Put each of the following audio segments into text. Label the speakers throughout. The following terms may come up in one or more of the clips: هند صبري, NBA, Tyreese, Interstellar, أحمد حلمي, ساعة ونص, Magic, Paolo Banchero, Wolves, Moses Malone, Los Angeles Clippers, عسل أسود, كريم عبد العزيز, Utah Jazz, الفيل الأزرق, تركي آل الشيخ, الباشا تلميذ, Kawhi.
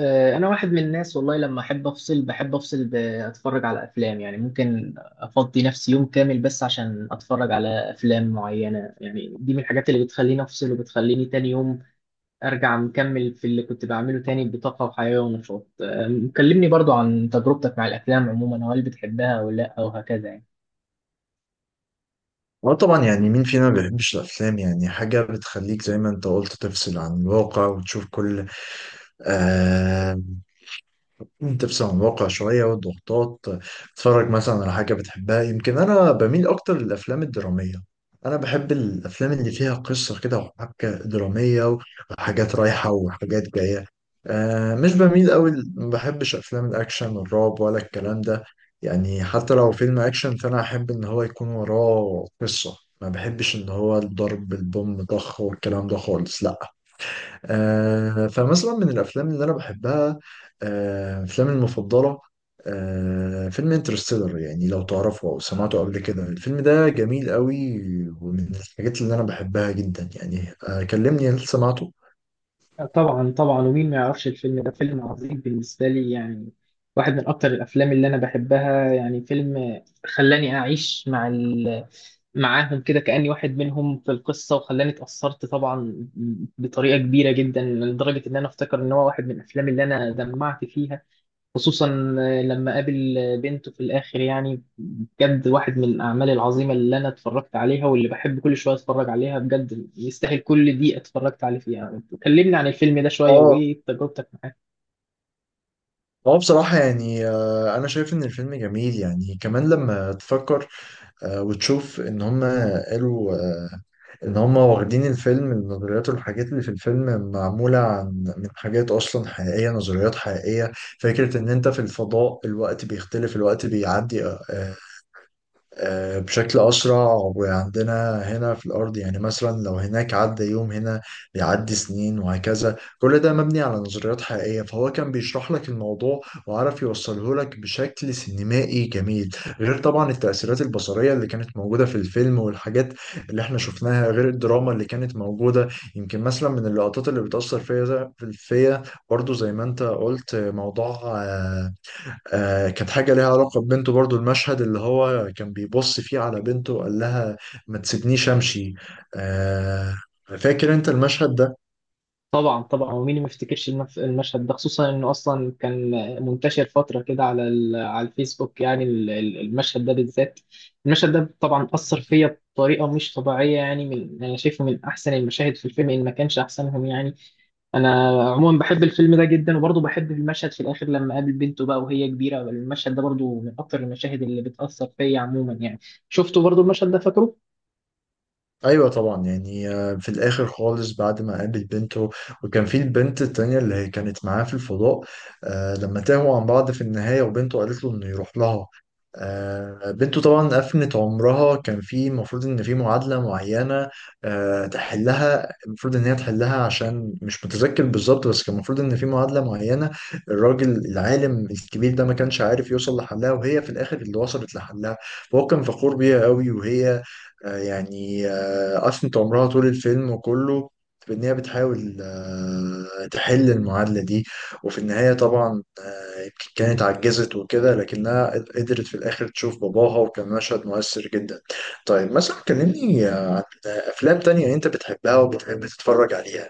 Speaker 1: انا واحد من الناس، والله لما احب افصل بحب افصل باتفرج على افلام، يعني ممكن افضي نفسي يوم كامل بس عشان اتفرج على افلام معينة. يعني دي من الحاجات اللي بتخليني افصل وبتخليني تاني يوم ارجع مكمل في اللي كنت بعمله تاني بطاقة وحيوية ونشاط. كلمني برضو عن تجربتك مع الافلام عموما، وهل بتحبها ولا لا وهكذا يعني.
Speaker 2: اه، طبعا، يعني مين فينا ما بيحبش الافلام؟ يعني حاجه بتخليك زي ما انت قلت تفصل عن الواقع وتشوف كل آه تفصل عن الواقع شوية والضغوطات. تتفرج مثلا على حاجة بتحبها. يمكن أنا بميل أكتر للأفلام الدرامية. أنا بحب الأفلام اللي فيها قصة كده وحبكة درامية وحاجات رايحة وحاجات جاية. مش بميل أوي، ما بحبش أفلام الأكشن والرعب ولا الكلام ده. يعني حتى لو فيلم أكشن، فأنا أحب إن هو يكون وراه قصة، ما بحبش إن هو الضرب بالبوم ضخ والكلام ده خالص، لا. فمثلا من الافلام اللي انا بحبها، افلامي المفضله، فيلم انترستيلر. يعني لو تعرفه او سمعته قبل كده، الفيلم ده جميل قوي. ومن الحاجات اللي انا بحبها جدا، يعني كلمني، هل سمعته؟
Speaker 1: طبعا طبعا، ومين ما يعرفش الفيلم ده؟ فيلم عظيم بالنسبة لي يعني، واحد من أكتر الأفلام اللي أنا بحبها، يعني فيلم خلاني أعيش مع معاهم كده كأني واحد منهم في القصة، وخلاني اتأثرت طبعا بطريقة كبيرة جدا، لدرجة إن أنا أفتكر إن هو واحد من الأفلام اللي أنا دمعت فيها، خصوصا لما قابل بنته في الآخر. يعني بجد واحد من الأعمال العظيمة اللي أنا اتفرجت عليها، واللي بحب كل شوية أتفرج عليها، بجد يستاهل كل دقيقة اتفرجت عليه فيها. كلمني عن الفيلم ده شوية،
Speaker 2: اه،
Speaker 1: وإيه تجربتك معاه؟
Speaker 2: اه، بصراحة يعني، أنا شايف إن الفيلم جميل. يعني كمان لما تفكر وتشوف إن هما قالوا ان هم واخدين الفيلم، النظريات والحاجات اللي في الفيلم معمولة من حاجات اصلا حقيقية، نظريات حقيقية. فكرة ان انت في الفضاء الوقت بيختلف، الوقت بيعدي بشكل أسرع. وعندنا هنا في الأرض، يعني مثلا لو هناك عدى يوم، هنا بيعدي سنين، وهكذا. كل ده مبني على نظريات حقيقية، فهو كان بيشرح لك الموضوع وعرف يوصله لك بشكل سينمائي جميل، غير طبعا التأثيرات البصرية اللي كانت موجودة في الفيلم والحاجات اللي احنا شفناها، غير الدراما اللي كانت موجودة. يمكن مثلا من اللقطات اللي بتأثر فيا برضو زي ما انت قلت، موضوع كانت حاجة ليها علاقة ببنته. برضو المشهد اللي هو كان بيبص فيه على بنته وقال لها: ما تسيبنيش أمشي. آه، فاكر أنت المشهد ده؟
Speaker 1: طبعا طبعا، ومين ما يفتكرش المشهد ده، خصوصا إنه أصلا كان منتشر فترة كده على على الفيسبوك، يعني المشهد ده بالذات. المشهد ده طبعا أثر فيا بطريقة مش طبيعية، يعني من أنا شايفه من أحسن المشاهد في الفيلم، إن ما كانش أحسنهم يعني. انا عموما بحب الفيلم ده جدا، وبرضه بحب المشهد في الاخر لما قابل بنته بقى وهي كبيره. المشهد ده برضه من اكتر المشاهد اللي بتاثر فيا عموما يعني. شفته برضه المشهد ده، فاكره؟
Speaker 2: ايوه طبعا، يعني في الاخر خالص، بعد ما قابل بنته وكان في البنت التانية اللي هي كانت معاه في الفضاء، لما تاهوا عن بعض في النهاية، وبنته قالت له انه يروح لها. بنته طبعا أفنت عمرها، كان في المفروض إن في معادلة معينة تحلها، المفروض إن هي تحلها. عشان مش متذكر بالظبط، بس كان المفروض إن في معادلة معينة الراجل العالم الكبير ده ما كانش عارف يوصل لحلها، وهي في الآخر اللي وصلت لحلها. فهو كان فخور بيها قوي، وهي أشنت عمرها طول الفيلم كله في إن هي بتحاول تحل المعادلة دي. وفي النهاية طبعا يمكن كانت عجزت وكده، لكنها قدرت في الآخر تشوف باباها، وكان مشهد مؤثر جدا. طيب مثلا كلمني عن أفلام تانية أنت بتحبها وبتحب تتفرج عليها.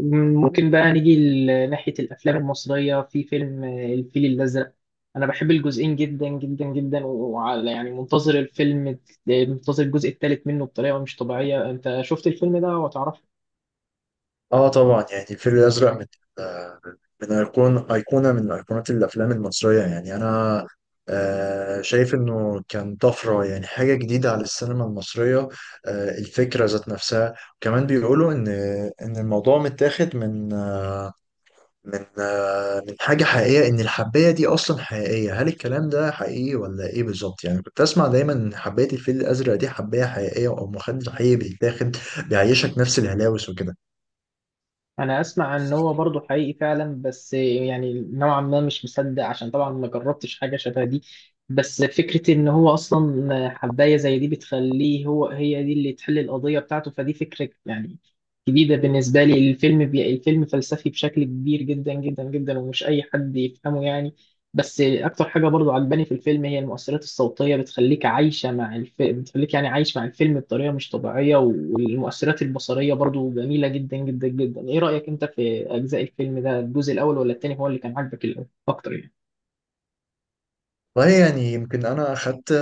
Speaker 1: ممكن بقى نيجي لناحيه الافلام المصريه، في فيلم الفيل الازرق. انا بحب الجزئين جدا جدا جدا، وعلى يعني منتظر الفيلم، منتظر الجزء الثالث منه بطريقه مش طبيعيه. انت شفت الفيلم ده وتعرفه؟
Speaker 2: اه طبعا، يعني الفيل الازرق، من ايقونه من ايقونات الافلام المصريه. يعني انا شايف انه كان طفره، يعني حاجه جديده على السينما المصريه. الفكره ذات نفسها. وكمان بيقولوا ان الموضوع متاخد من حاجه حقيقيه، ان الحبايه دي اصلا حقيقيه. هل الكلام ده حقيقي ولا ايه بالظبط؟ يعني كنت اسمع دايما ان حبايه الفيل الازرق دي حبايه حقيقيه، او مخدر حقيقي بيتاخد بيعيشك نفس الهلاوس وكده.
Speaker 1: انا اسمع ان هو برضه حقيقي فعلا، بس يعني نوعا ما مش مصدق، عشان طبعا ما جربتش حاجه شبه دي. بس فكره ان هو اصلا حبايه زي دي بتخليه هو، هي دي اللي تحل القضيه بتاعته، فدي فكره يعني جديده بالنسبه لي. الفيلم الفيلم فلسفي بشكل كبير جدا جدا جدا، ومش اي حد يفهمه يعني. بس اكتر حاجه برضو عجباني في الفيلم هي المؤثرات الصوتيه، بتخليك عايشه مع الفيلم، بتخليك يعني عايش مع الفيلم بطريقه مش طبيعيه، والمؤثرات البصريه برضو جميله جدا جدا جدا. ايه رايك انت في اجزاء الفيلم ده؟ الجزء الاول ولا التاني هو اللي كان عاجبك اكتر يعني؟
Speaker 2: والله يعني، يمكن انا اخدت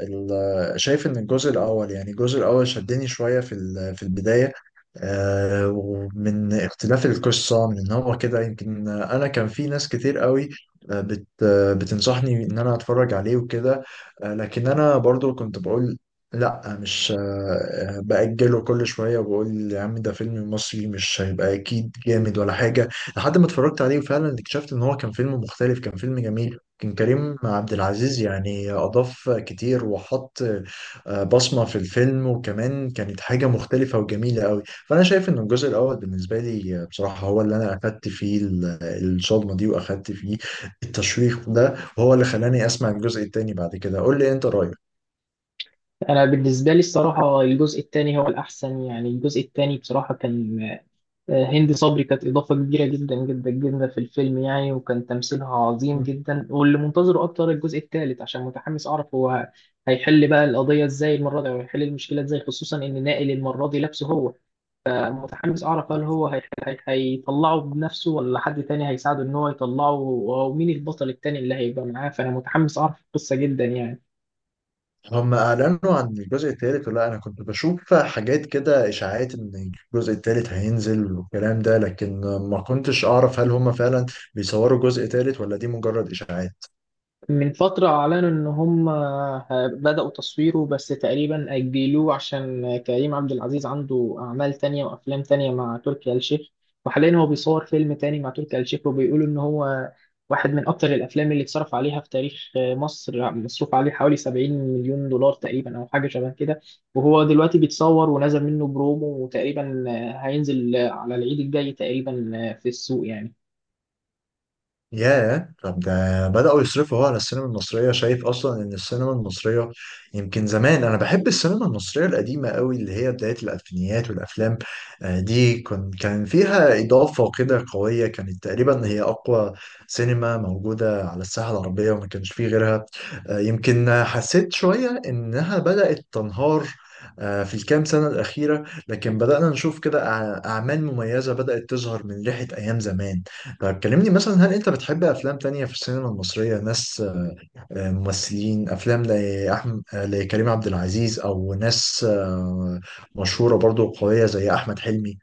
Speaker 2: شايف ان الجزء الاول، يعني الجزء الاول شدني شويه في في البدايه. ومن اختلاف القصه من ان هو كده، يمكن انا كان في ناس كتير قوي آه، بت آه، بتنصحني ان انا اتفرج عليه وكده. لكن انا برضو كنت بقول لا، مش بأجله كل شويه، وبقول يا عم ده فيلم مصري، مش هيبقى اكيد جامد ولا حاجه. لحد ما اتفرجت عليه وفعلا اكتشفت ان هو كان فيلم مختلف، كان فيلم جميل. كان كريم عبد العزيز يعني أضاف كتير وحط بصمة في الفيلم، وكمان كانت حاجة مختلفة وجميلة قوي. فأنا شايف إن الجزء الأول بالنسبة لي بصراحة هو اللي أنا أخدت فيه الصدمة دي، وأخدت فيه التشويق ده، وهو اللي خلاني أسمع الجزء التاني بعد كده. قول لي أنت رأيك.
Speaker 1: انا بالنسبه لي الصراحه الجزء التاني هو الاحسن، يعني الجزء التاني بصراحه كان، هند صبري كانت إضافة كبيرة جدا جدا جدا في الفيلم يعني، وكان تمثيلها عظيم جدا، واللي منتظره أكتر الجزء الثالث عشان متحمس أعرف هو هيحل بقى القضية إزاي المرة دي، وهيحل المشكلة إزاي، خصوصا إن نائل المرة دي لابسه هو. متحمس أعرف هل هو هيطلعه بنفسه ولا حد تاني هيساعده إن هو يطلعه، ومين البطل التاني اللي هيبقى معاه، فأنا متحمس أعرف القصة جدا يعني.
Speaker 2: هم اعلنوا عن الجزء الثالث، ولا انا كنت بشوف حاجات كده اشاعات ان الجزء الثالث هينزل والكلام ده؟ لكن ما كنتش اعرف هل هم فعلا بيصوروا جزء ثالث ولا دي مجرد اشاعات.
Speaker 1: من فترة أعلنوا إن هم بدأوا تصويره، بس تقريبا أجلوه عشان كريم عبد العزيز عنده أعمال تانية وأفلام تانية مع تركي آل الشيخ، وحاليا هو بيصور فيلم تاني مع تركي آل الشيخ، وبيقولوا إن هو واحد من أكتر الأفلام اللي اتصرف عليها في تاريخ مصر، مصروف عليه حوالي 70 مليون دولار تقريبا أو حاجة شبه كده. وهو دلوقتي بيتصور ونزل منه برومو، وتقريبا هينزل على العيد الجاي تقريبا في السوق يعني.
Speaker 2: ياه، طب ده بدأوا يصرفوا هو على السينما المصرية! شايف أصلا إن السينما المصرية، يمكن زمان، أنا بحب السينما المصرية القديمة قوي اللي هي بداية الألفينيات. والأفلام دي كان فيها إضافة كده قوية. كانت تقريبا هي أقوى سينما موجودة على الساحة العربية، وما كانش فيه غيرها. يمكن حسيت شوية إنها بدأت تنهار في الكام سنة الأخيرة، لكن بدأنا نشوف كده أعمال مميزة بدأت تظهر من ريحة أيام زمان. طيب كلمني مثلا، هل انت بتحب افلام تانية في السينما المصرية؟ ناس ممثلين افلام لكريم عبد العزيز، او ناس مشهورة برضو قوية زي احمد حلمي؟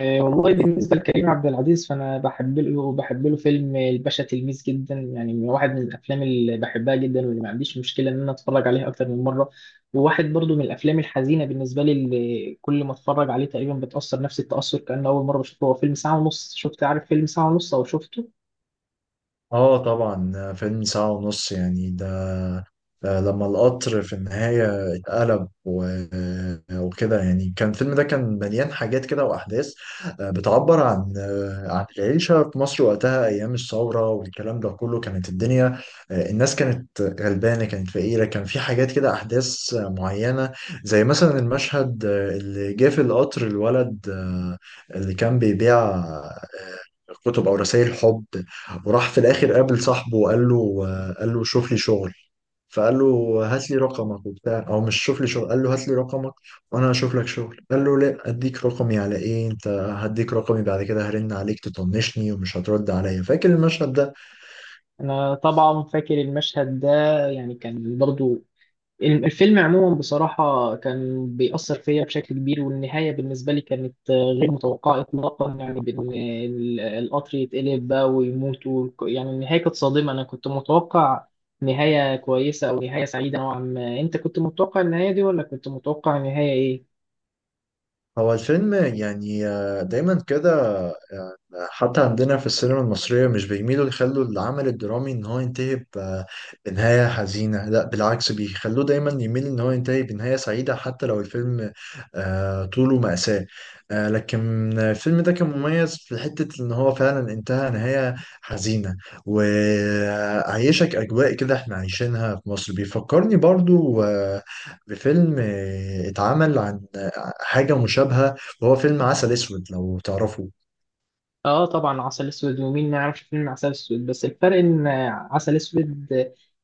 Speaker 1: والله بالنسبة لكريم عبد العزيز فأنا بحب له فيلم الباشا تلميذ جدا يعني، من واحد من الأفلام اللي بحبها جدا، واللي ما عنديش مشكلة إن أنا أتفرج عليها أكتر من مرة. وواحد برضو من الأفلام الحزينة بالنسبة لي، اللي كل ما أتفرج عليه تقريبا بتأثر نفس التأثر كأنه أول مرة بشوفه، هو فيلم ساعة ونص. شفت عارف فيلم ساعة ونص أو شفته؟
Speaker 2: اه طبعا، فيلم ساعة ونص. يعني ده لما القطر في النهاية اتقلب وكده. يعني كان الفيلم ده كان مليان حاجات كده وأحداث بتعبر عن العيشة في مصر وقتها أيام الثورة والكلام ده كله. كانت الدنيا الناس كانت غلبانة، كانت فقيرة. كان في حاجات كده، أحداث معينة زي مثلا المشهد اللي جه في القطر، الولد اللي كان بيبيع كتب أو رسائل حب، وراح في الآخر قابل صاحبه وقال له آه، قال له شوف لي شغل. فقال له: هات لي رقمك وبتاع، او مش شوف لي شغل، قال له: هات لي رقمك وانا هشوف لك شغل. قال له: لا، اديك رقمي على ايه انت، هديك رقمي بعد كده هرن عليك تطنشني ومش هترد عليا. فاكر المشهد ده؟
Speaker 1: أنا طبعا فاكر المشهد ده، يعني كان برضو الفيلم عموما بصراحة كان بيأثر فيا بشكل كبير، والنهاية بالنسبة لي كانت غير متوقعة إطلاقا، يعني بإن القطر يتقلب بقى ويموت يعني النهاية كانت صادمة. أنا كنت متوقع نهاية كويسة أو نهاية سعيدة نوعا ما. أنت كنت متوقع النهاية دي، ولا كنت متوقع نهاية إيه؟
Speaker 2: هو الفيلم يعني دايما كده. آه، حتى عندنا في السينما المصرية مش بيميلوا يخلوا العمل الدرامي ان هو ينتهي بنهاية حزينة، لا بالعكس، بيخلوه دايما يميل ان هو ينتهي بنهاية سعيدة، حتى لو الفيلم طوله مأساة. لكن الفيلم ده كان مميز في حتة ان هو فعلا انتهى نهاية حزينة، وعيشك اجواء كده احنا عايشينها في مصر. بيفكرني برضو بفيلم اتعمل حاجة مشابهة، وهو فيلم عسل اسود، لو تعرفه.
Speaker 1: اه طبعا عسل اسود، ومين ما يعرفش فيلم عسل اسود، بس الفرق ان عسل اسود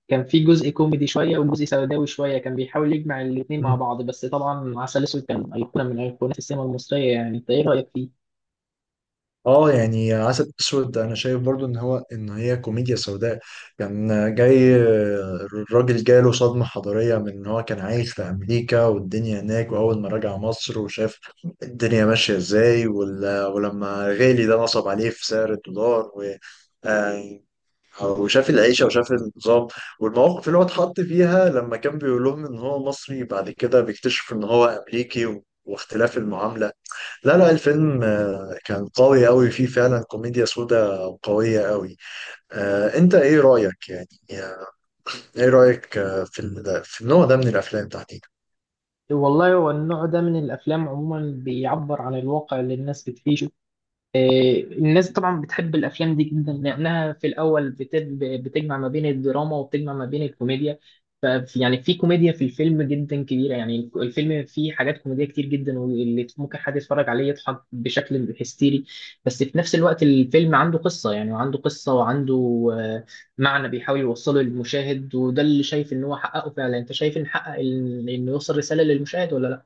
Speaker 1: كان فيه جزء كوميدي شويه وجزء سوداوي شويه، كان بيحاول يجمع الاتنين مع
Speaker 2: مم.
Speaker 1: بعض. بس طبعا عسل اسود كان ايقونه من ايقونات السينما المصريه يعني، انت ايه رايك فيه؟
Speaker 2: اه يعني عسل اسود، انا شايف برضو ان هي كوميديا سوداء. كان جاي الراجل، جاله صدمة حضارية من ان هو كان عايش في امريكا والدنيا هناك، واول ما رجع مصر وشاف الدنيا ماشية ازاي، ولما غالي ده نصب عليه في سعر الدولار، و آه، وشاف العيشة وشاف النظام والمواقف اللي هو اتحط فيها، لما كان بيقول لهم إن هو مصري، بعد كده بيكتشف إن هو أمريكي واختلاف المعاملة. لا، لا، الفيلم كان قوي قوي، فيه فعلا كوميديا سودا قوية قوي. انت ايه رأيك يعني، آه، ايه رأيك آه، في في النوع ده من الافلام تحديدا؟
Speaker 1: والله هو النوع ده من الافلام عموما بيعبر عن الواقع اللي الناس بتعيشه. آه، الناس طبعا بتحب الافلام دي جدا، لانها في الاول بتجمع ما بين الدراما وبتجمع ما بين الكوميديا، ف يعني في كوميديا في الفيلم جدا كبيره يعني، الفيلم فيه حاجات كوميديه كتير جدا، واللي ممكن حد يتفرج عليه يضحك بشكل هستيري. بس في نفس الوقت الفيلم عنده قصه يعني، وعنده قصه وعنده آه، معنى بيحاول يوصله للمشاهد، وده اللي شايف ان هو حققه فعلا. انت شايف ان حقق انه يوصل رساله للمشاهد ولا لا؟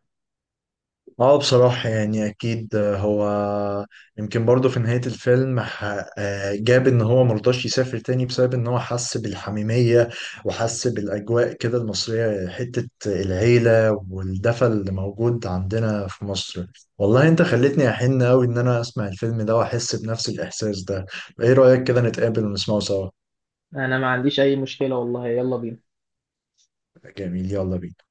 Speaker 2: اه بصراحة يعني أكيد، هو يمكن برضه في نهاية الفيلم جاب إن هو مرضاش يسافر تاني بسبب إن هو حس بالحميمية وحس بالأجواء كده المصرية، حتة العيلة والدفى اللي موجود عندنا في مصر. والله أنت خلتني أحن أوي إن أنا أسمع الفيلم ده وأحس بنفس الإحساس ده. إيه رأيك كده نتقابل ونسمعه سوا؟
Speaker 1: انا ما عنديش اي مشكله والله، يلا بينا.
Speaker 2: جميل، يلا بينا.